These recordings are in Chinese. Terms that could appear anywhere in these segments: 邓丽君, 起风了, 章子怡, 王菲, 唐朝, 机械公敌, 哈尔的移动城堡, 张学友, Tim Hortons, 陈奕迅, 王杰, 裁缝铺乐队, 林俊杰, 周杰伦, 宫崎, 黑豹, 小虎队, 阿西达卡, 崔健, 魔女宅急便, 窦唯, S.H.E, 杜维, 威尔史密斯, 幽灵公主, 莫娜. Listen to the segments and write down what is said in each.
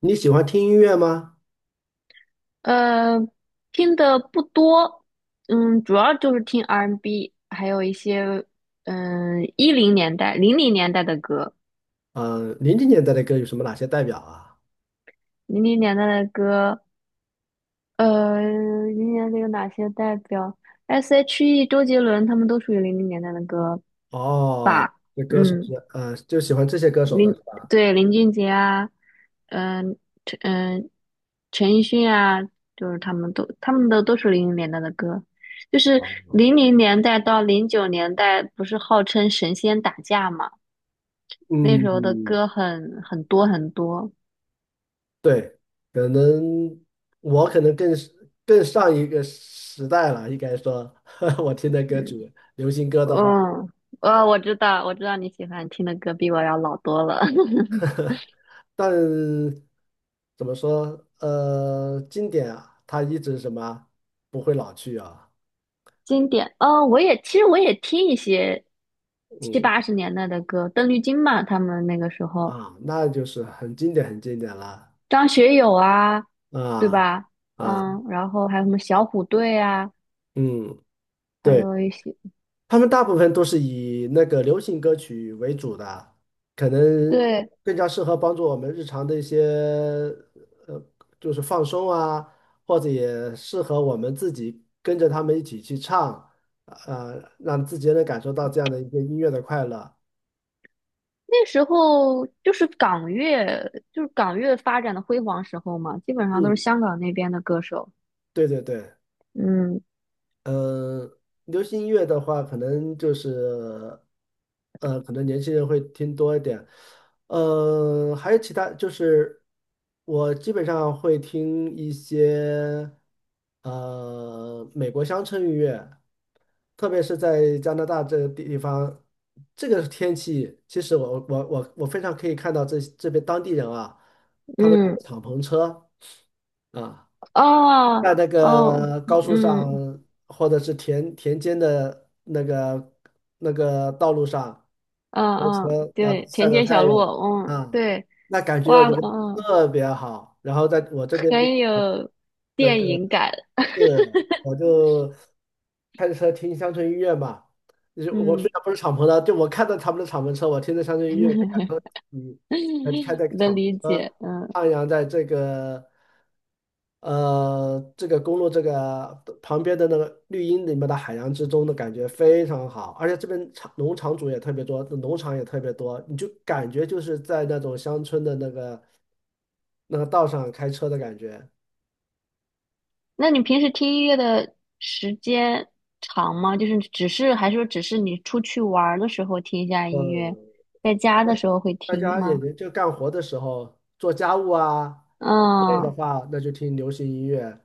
你喜欢听音乐吗？呃，听的不多，主要就是听 R&B，还有一些一零年代、零零年代的歌，嗯、零零年代的歌有什么哪些代表啊？零零年代的歌，零零年代有哪些代表？S.H.E、周杰伦他们都属于零零年代的歌哦，吧？那歌手嗯。是，就喜欢这些歌手的林是吧？对林俊杰啊，嗯、陈嗯、陈奕迅啊，就是他们的都是零零年代的歌，就是啊，零零年代到零九年代不是号称神仙打架嘛，那时候的嗯，歌很多很多，对，可能我可能更是更上一个时代了，应该说，我听的歌嗯曲，流行歌的话，嗯，哦，我知道你喜欢听的歌比我要老多了，但怎么说，经典啊，它一直什么不会老去啊，经典哦，其实我也听一些七嗯八十年代的歌，邓丽君嘛，他们那个时候。啊，那就是很经典，很经典了张学友啊，对啊。吧？啊，嗯，然后还有什么小虎队啊，嗯，还对，有一些，他们大部分都是以那个流行歌曲为主的，可能对，更加适合帮助我们日常的一些呃，就是放松啊，或者也适合我们自己跟着他们一起去唱，让自己能感受到这样的一些音乐的快乐。那时候就是港乐，就是港乐发展的辉煌时候嘛，基本上都是嗯，香港那边的歌手。对对对，嗯嗯，流行音乐的话，可能就是，可能年轻人会听多一点。还有其他，就是我基本上会听一些，美国乡村音乐，特别是在加拿大这个地方，这个天气，其实我非常可以看到这边当地人啊，他们开嗯，着敞篷车啊。哦在那哦，个高速上嗯或者是田间的那个道路上嗯开嗯，车，然后对，晒田着间小太阳路，嗯，啊，对，那感觉我哇，觉得嗯，特别好。然后在我这边就很有那电个影感，是，我就开着车听乡村音乐嘛，就是我嗯，虽然不是敞篷的，就我看到他们的敞篷车，我听着乡村音乐就感觉嗯，开在 的敞篷理解，嗯。徜徉在这个。这个公路这个旁边的那个绿荫里面的海洋之中的感觉非常好，而且这边农场主也特别多，农场也特别多，你就感觉就是在那种乡村的那个那个道上开车的感觉。那你平时听音乐的时间长吗？就是只是还是说只是你出去玩儿的时候听一下音乐，嗯，在家的时候会大听家也吗？就干活的时候做家务啊累的嗯话，那就听流行音乐。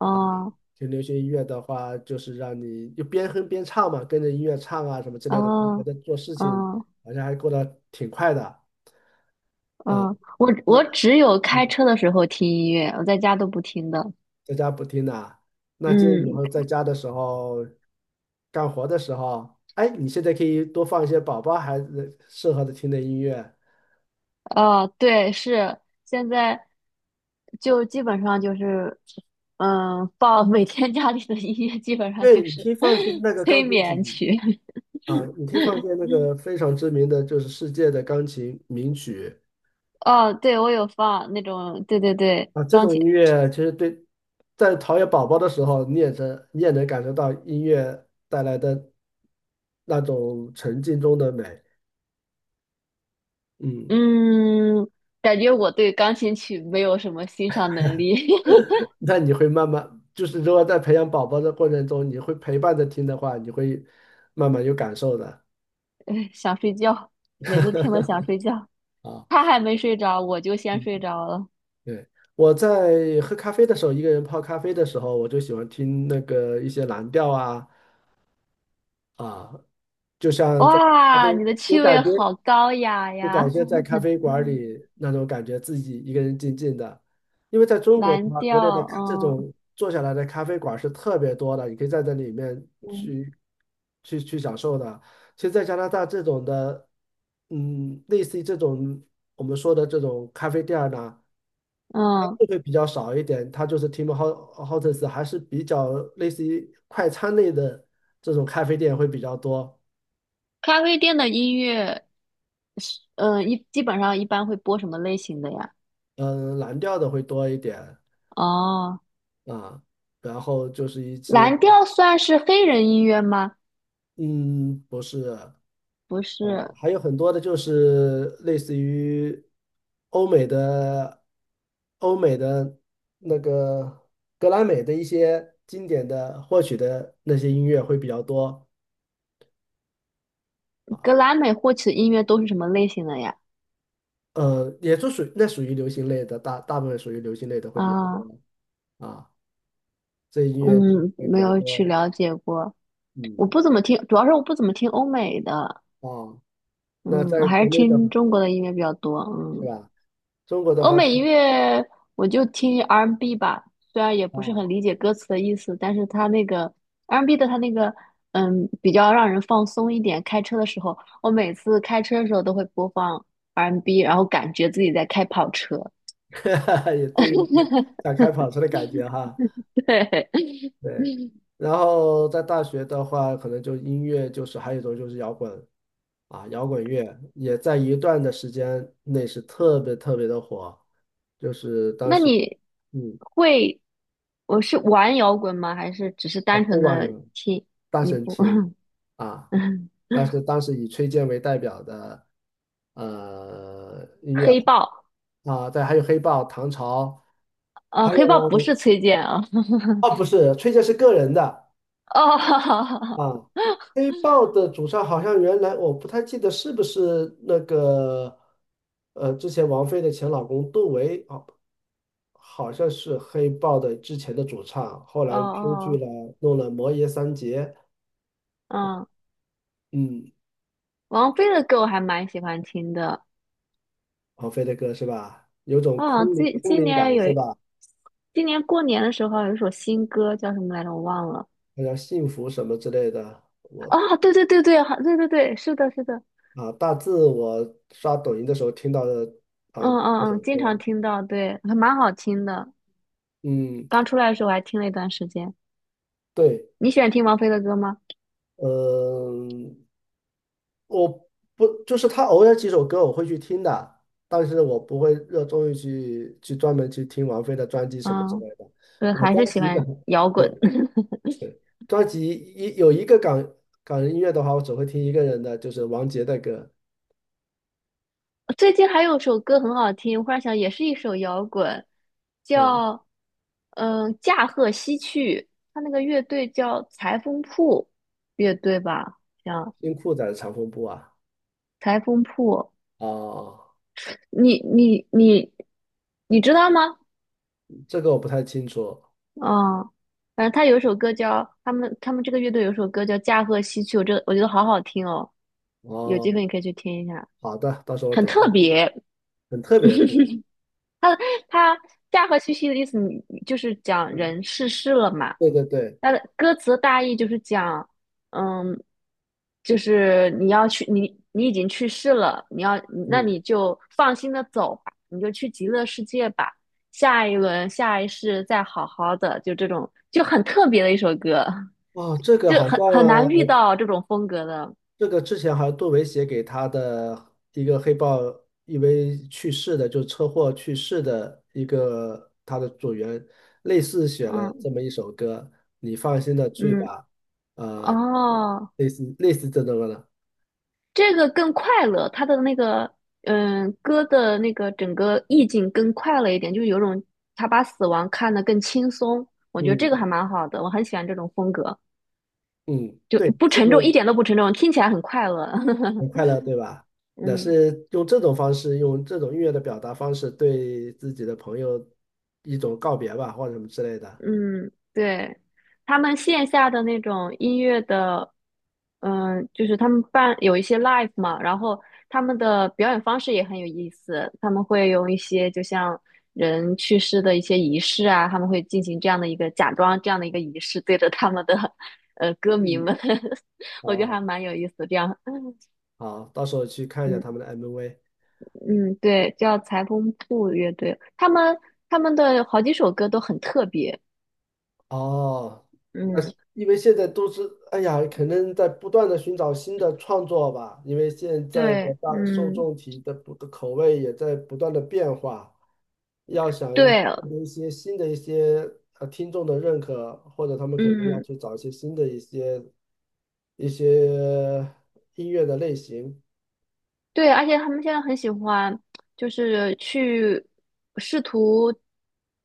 嗯听流行音乐的话，就是让你就边哼边唱嘛，跟着音乐唱啊什么之类的，就觉嗯得做事情嗯好像还过得挺快的。啊，嗯，我那我只有开嗯，车的时候听音乐，我在家都不听的。在家不听呐、那建议以嗯，后在家的时候，干活的时候，哎，你现在可以多放一些宝宝孩子适合的听的音乐。哦，对，是现在就基本上就是，放 每天家里的音乐基本上对，就你可是 以放一些那 个催钢琴曲眠曲。啊，你可以放一些那个 非常知名的，就是世界的钢琴名曲哦，对，我有放那种，对对对，啊。这钢种音琴，乐其实对，在陶冶宝宝的时候，你也能你也能感受到音乐带来的那种沉浸中的美。嗯。嗯，感觉我对钢琴曲没有什么欣赏能力，那你会慢慢，就是如果在培养宝宝的过程中，你会陪伴着听的话，你会慢慢有感受的 哎想睡觉，每次听了想睡觉，他啊。还没睡着，我就先嗯睡着了。对，我在喝咖啡的时候，一个人泡咖啡的时候，我就喜欢听那个一些蓝调啊啊，就像在咖哇，啡你的有趣感味觉，好高雅就呀！感觉在咖啡 馆嗯里那种感觉，自己一个人静静的。因为在中国的蓝话，国内的调，咖这嗯种坐下来的咖啡馆是特别多的，你可以在这里面嗯去享受的。其实，在加拿大这种的，嗯，类似于这种我们说的这种咖啡店儿呢，嗯，就会比较少一点。它就是 Tim Hortons 还是比较类似于快餐类的这种咖啡店会比较多，咖啡店的音乐是，基本上一般会播什么类型的呀？嗯，蓝调的会多一点。哦，啊，然后就是一些，蓝调算是黑人音乐吗？嗯，不是，不是，还有很多的，就是类似于欧美的、欧美的那个格莱美的一些经典的获取的那些音乐会比较多啊，格莱美获取的音乐都是什么类型的呀？也就属于流行类的，大部分属于流行类的会比较啊，多啊，这音乐剧嗯，会比没较有去多，了解过，我嗯，不怎么听，主要是我不怎么听欧美的，啊，那嗯，在还是国内的听中国的音乐比较多，是嗯，吧？中国的欧话，美音乐我就听 R&B 吧，虽然也不是很啊。理解歌词的意思，但是它那个 R&B 的它那个，嗯，比较让人放松一点。开车的时候，我每次开车的时候都会播放 R&B，然后感觉自己在开跑车，也对应 想开跑车的感觉哈。对。对，然后在大学的话，可能就音乐就是还有一种就是摇滚啊，摇滚乐也在一段的时间内是特别特别的火，就是当那时你嗯会，我是玩摇滚吗？还是只是啊单后纯浪的人听？大你神不，听啊，但是当时以崔健为代表的音乐黑豹，啊，对，还有黑豹、唐朝，还黑豹有不是崔健啊。哦不是崔健是个人的。哦，啊，黑豹的主唱好像原来我不太记得是不是那个，之前王菲的前老公窦唯啊，好像是黑豹的之前的主唱，后哦来出去哦，了，弄了《魔爷三杰》，嗯，嗯，王菲的歌我还蛮喜欢听的。王菲的歌是吧？有种啊，空灵今空今灵年感有，是吧？今年过年的时候有一首新歌叫什么来着？我忘了。好像幸福什么之类的，我啊，对对对对，好对对对，是的，是的，啊，大致我刷抖音的时候听到的啊，嗯嗯这首嗯，经常歌，听到，对，还蛮好听的。嗯，刚出来的时候我还听了一段时间。对，你喜欢听王菲的歌吗？嗯、我不就是他偶尔几首歌我会去听的，但是我不会热衷于去专门去听王菲的专辑什么之嗯，类的。对，我还是专喜辑的，欢摇滚。对，专辑一有一个港人音乐的话，我只会听一个人的，就是王杰的歌。最近还有首歌很好听，我忽然想，也是一首摇滚，嗯，叫《驾鹤西去》，他那个乐队叫裁缝铺乐队吧，像听酷仔的《长风布啊？裁缝铺。哦，你你你你知道吗？这个我不太清楚。嗯，反正他有一首歌叫他们这个乐队有一首歌叫《驾鹤西去》，我觉得好好听哦，有机会哦，你可以去听一下，好的，到时候我很等一下特吧。别。很特别是吧？它“驾鹤西去”的意思你就是讲嗯，人逝世了嘛。对对对，它的歌词的大意就是讲，嗯，就是你要去，你已经去世了，你要，那嗯，你就放心的走吧，你就去极乐世界吧，下一轮下一世再好好的，就这种就很特别的一首歌，哦，这个就好像。很难遇到这种风格的，这个之前好像杜维写给他的一个黑豹，因为去世的，就是车祸去世的一个他的组员，类似写了嗯这么一首歌，你放心的去嗯，吧，呃，哦。类似这种的，这个更快乐，他的那个歌的那个整个意境更快乐一点，就是有种他把死亡看得更轻松，我觉得这个嗯还蛮好的，我很喜欢这种风格，嗯，就对，不现沉重，一在点都不沉重，听起来很快乐。很快 乐，对吧？那嗯。是用这种方式，用这种音乐的表达方式，对自己的朋友一种告别吧，或者什么之类的。嗯，对，他们线下的那种音乐的，就是他们办有一些 live 嘛，然后他们的表演方式也很有意思，他们会用一些就像人去世的一些仪式啊，他们会进行这样的一个假装这样的一个仪式，对着他们的歌迷嗯，们，我觉得还好，蛮有意思，这样。好，到时候去看一下嗯他们的 MV。嗯，对，叫裁缝铺乐队，他们的好几首歌都很特别，哦，那嗯，因为现在都是，哎呀，可能在不断的寻找新的创作吧，因为现在的对，大受嗯，众体的不的口味也在不断的变化，要想一对，获得一些新的一些听众的认可，或者他们肯定要嗯，去找一些新的一些一些音乐的类型。对，而且他们现在很喜欢，就是去试图，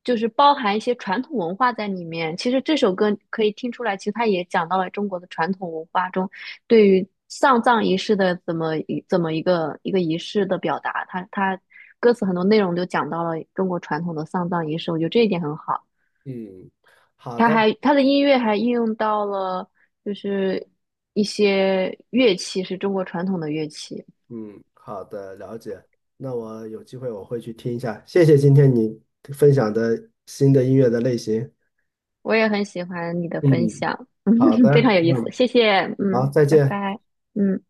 就是包含一些传统文化在里面。其实这首歌可以听出来，其实它也讲到了中国的传统文化中对于丧葬仪式的怎么一个一个仪式的表达。它歌词很多内容都讲到了中国传统的丧葬仪式，我觉得这一点很好。嗯，好它的。还它的音乐还应用到了就是一些乐器，是中国传统的乐器。嗯，好的，了解。那我有机会我会去听一下。谢谢今天你分享的新的音乐的类型。我也很喜欢你的分嗯，享，好 的，非常有意思，嗯，谢谢，好，嗯，再拜见。拜，嗯。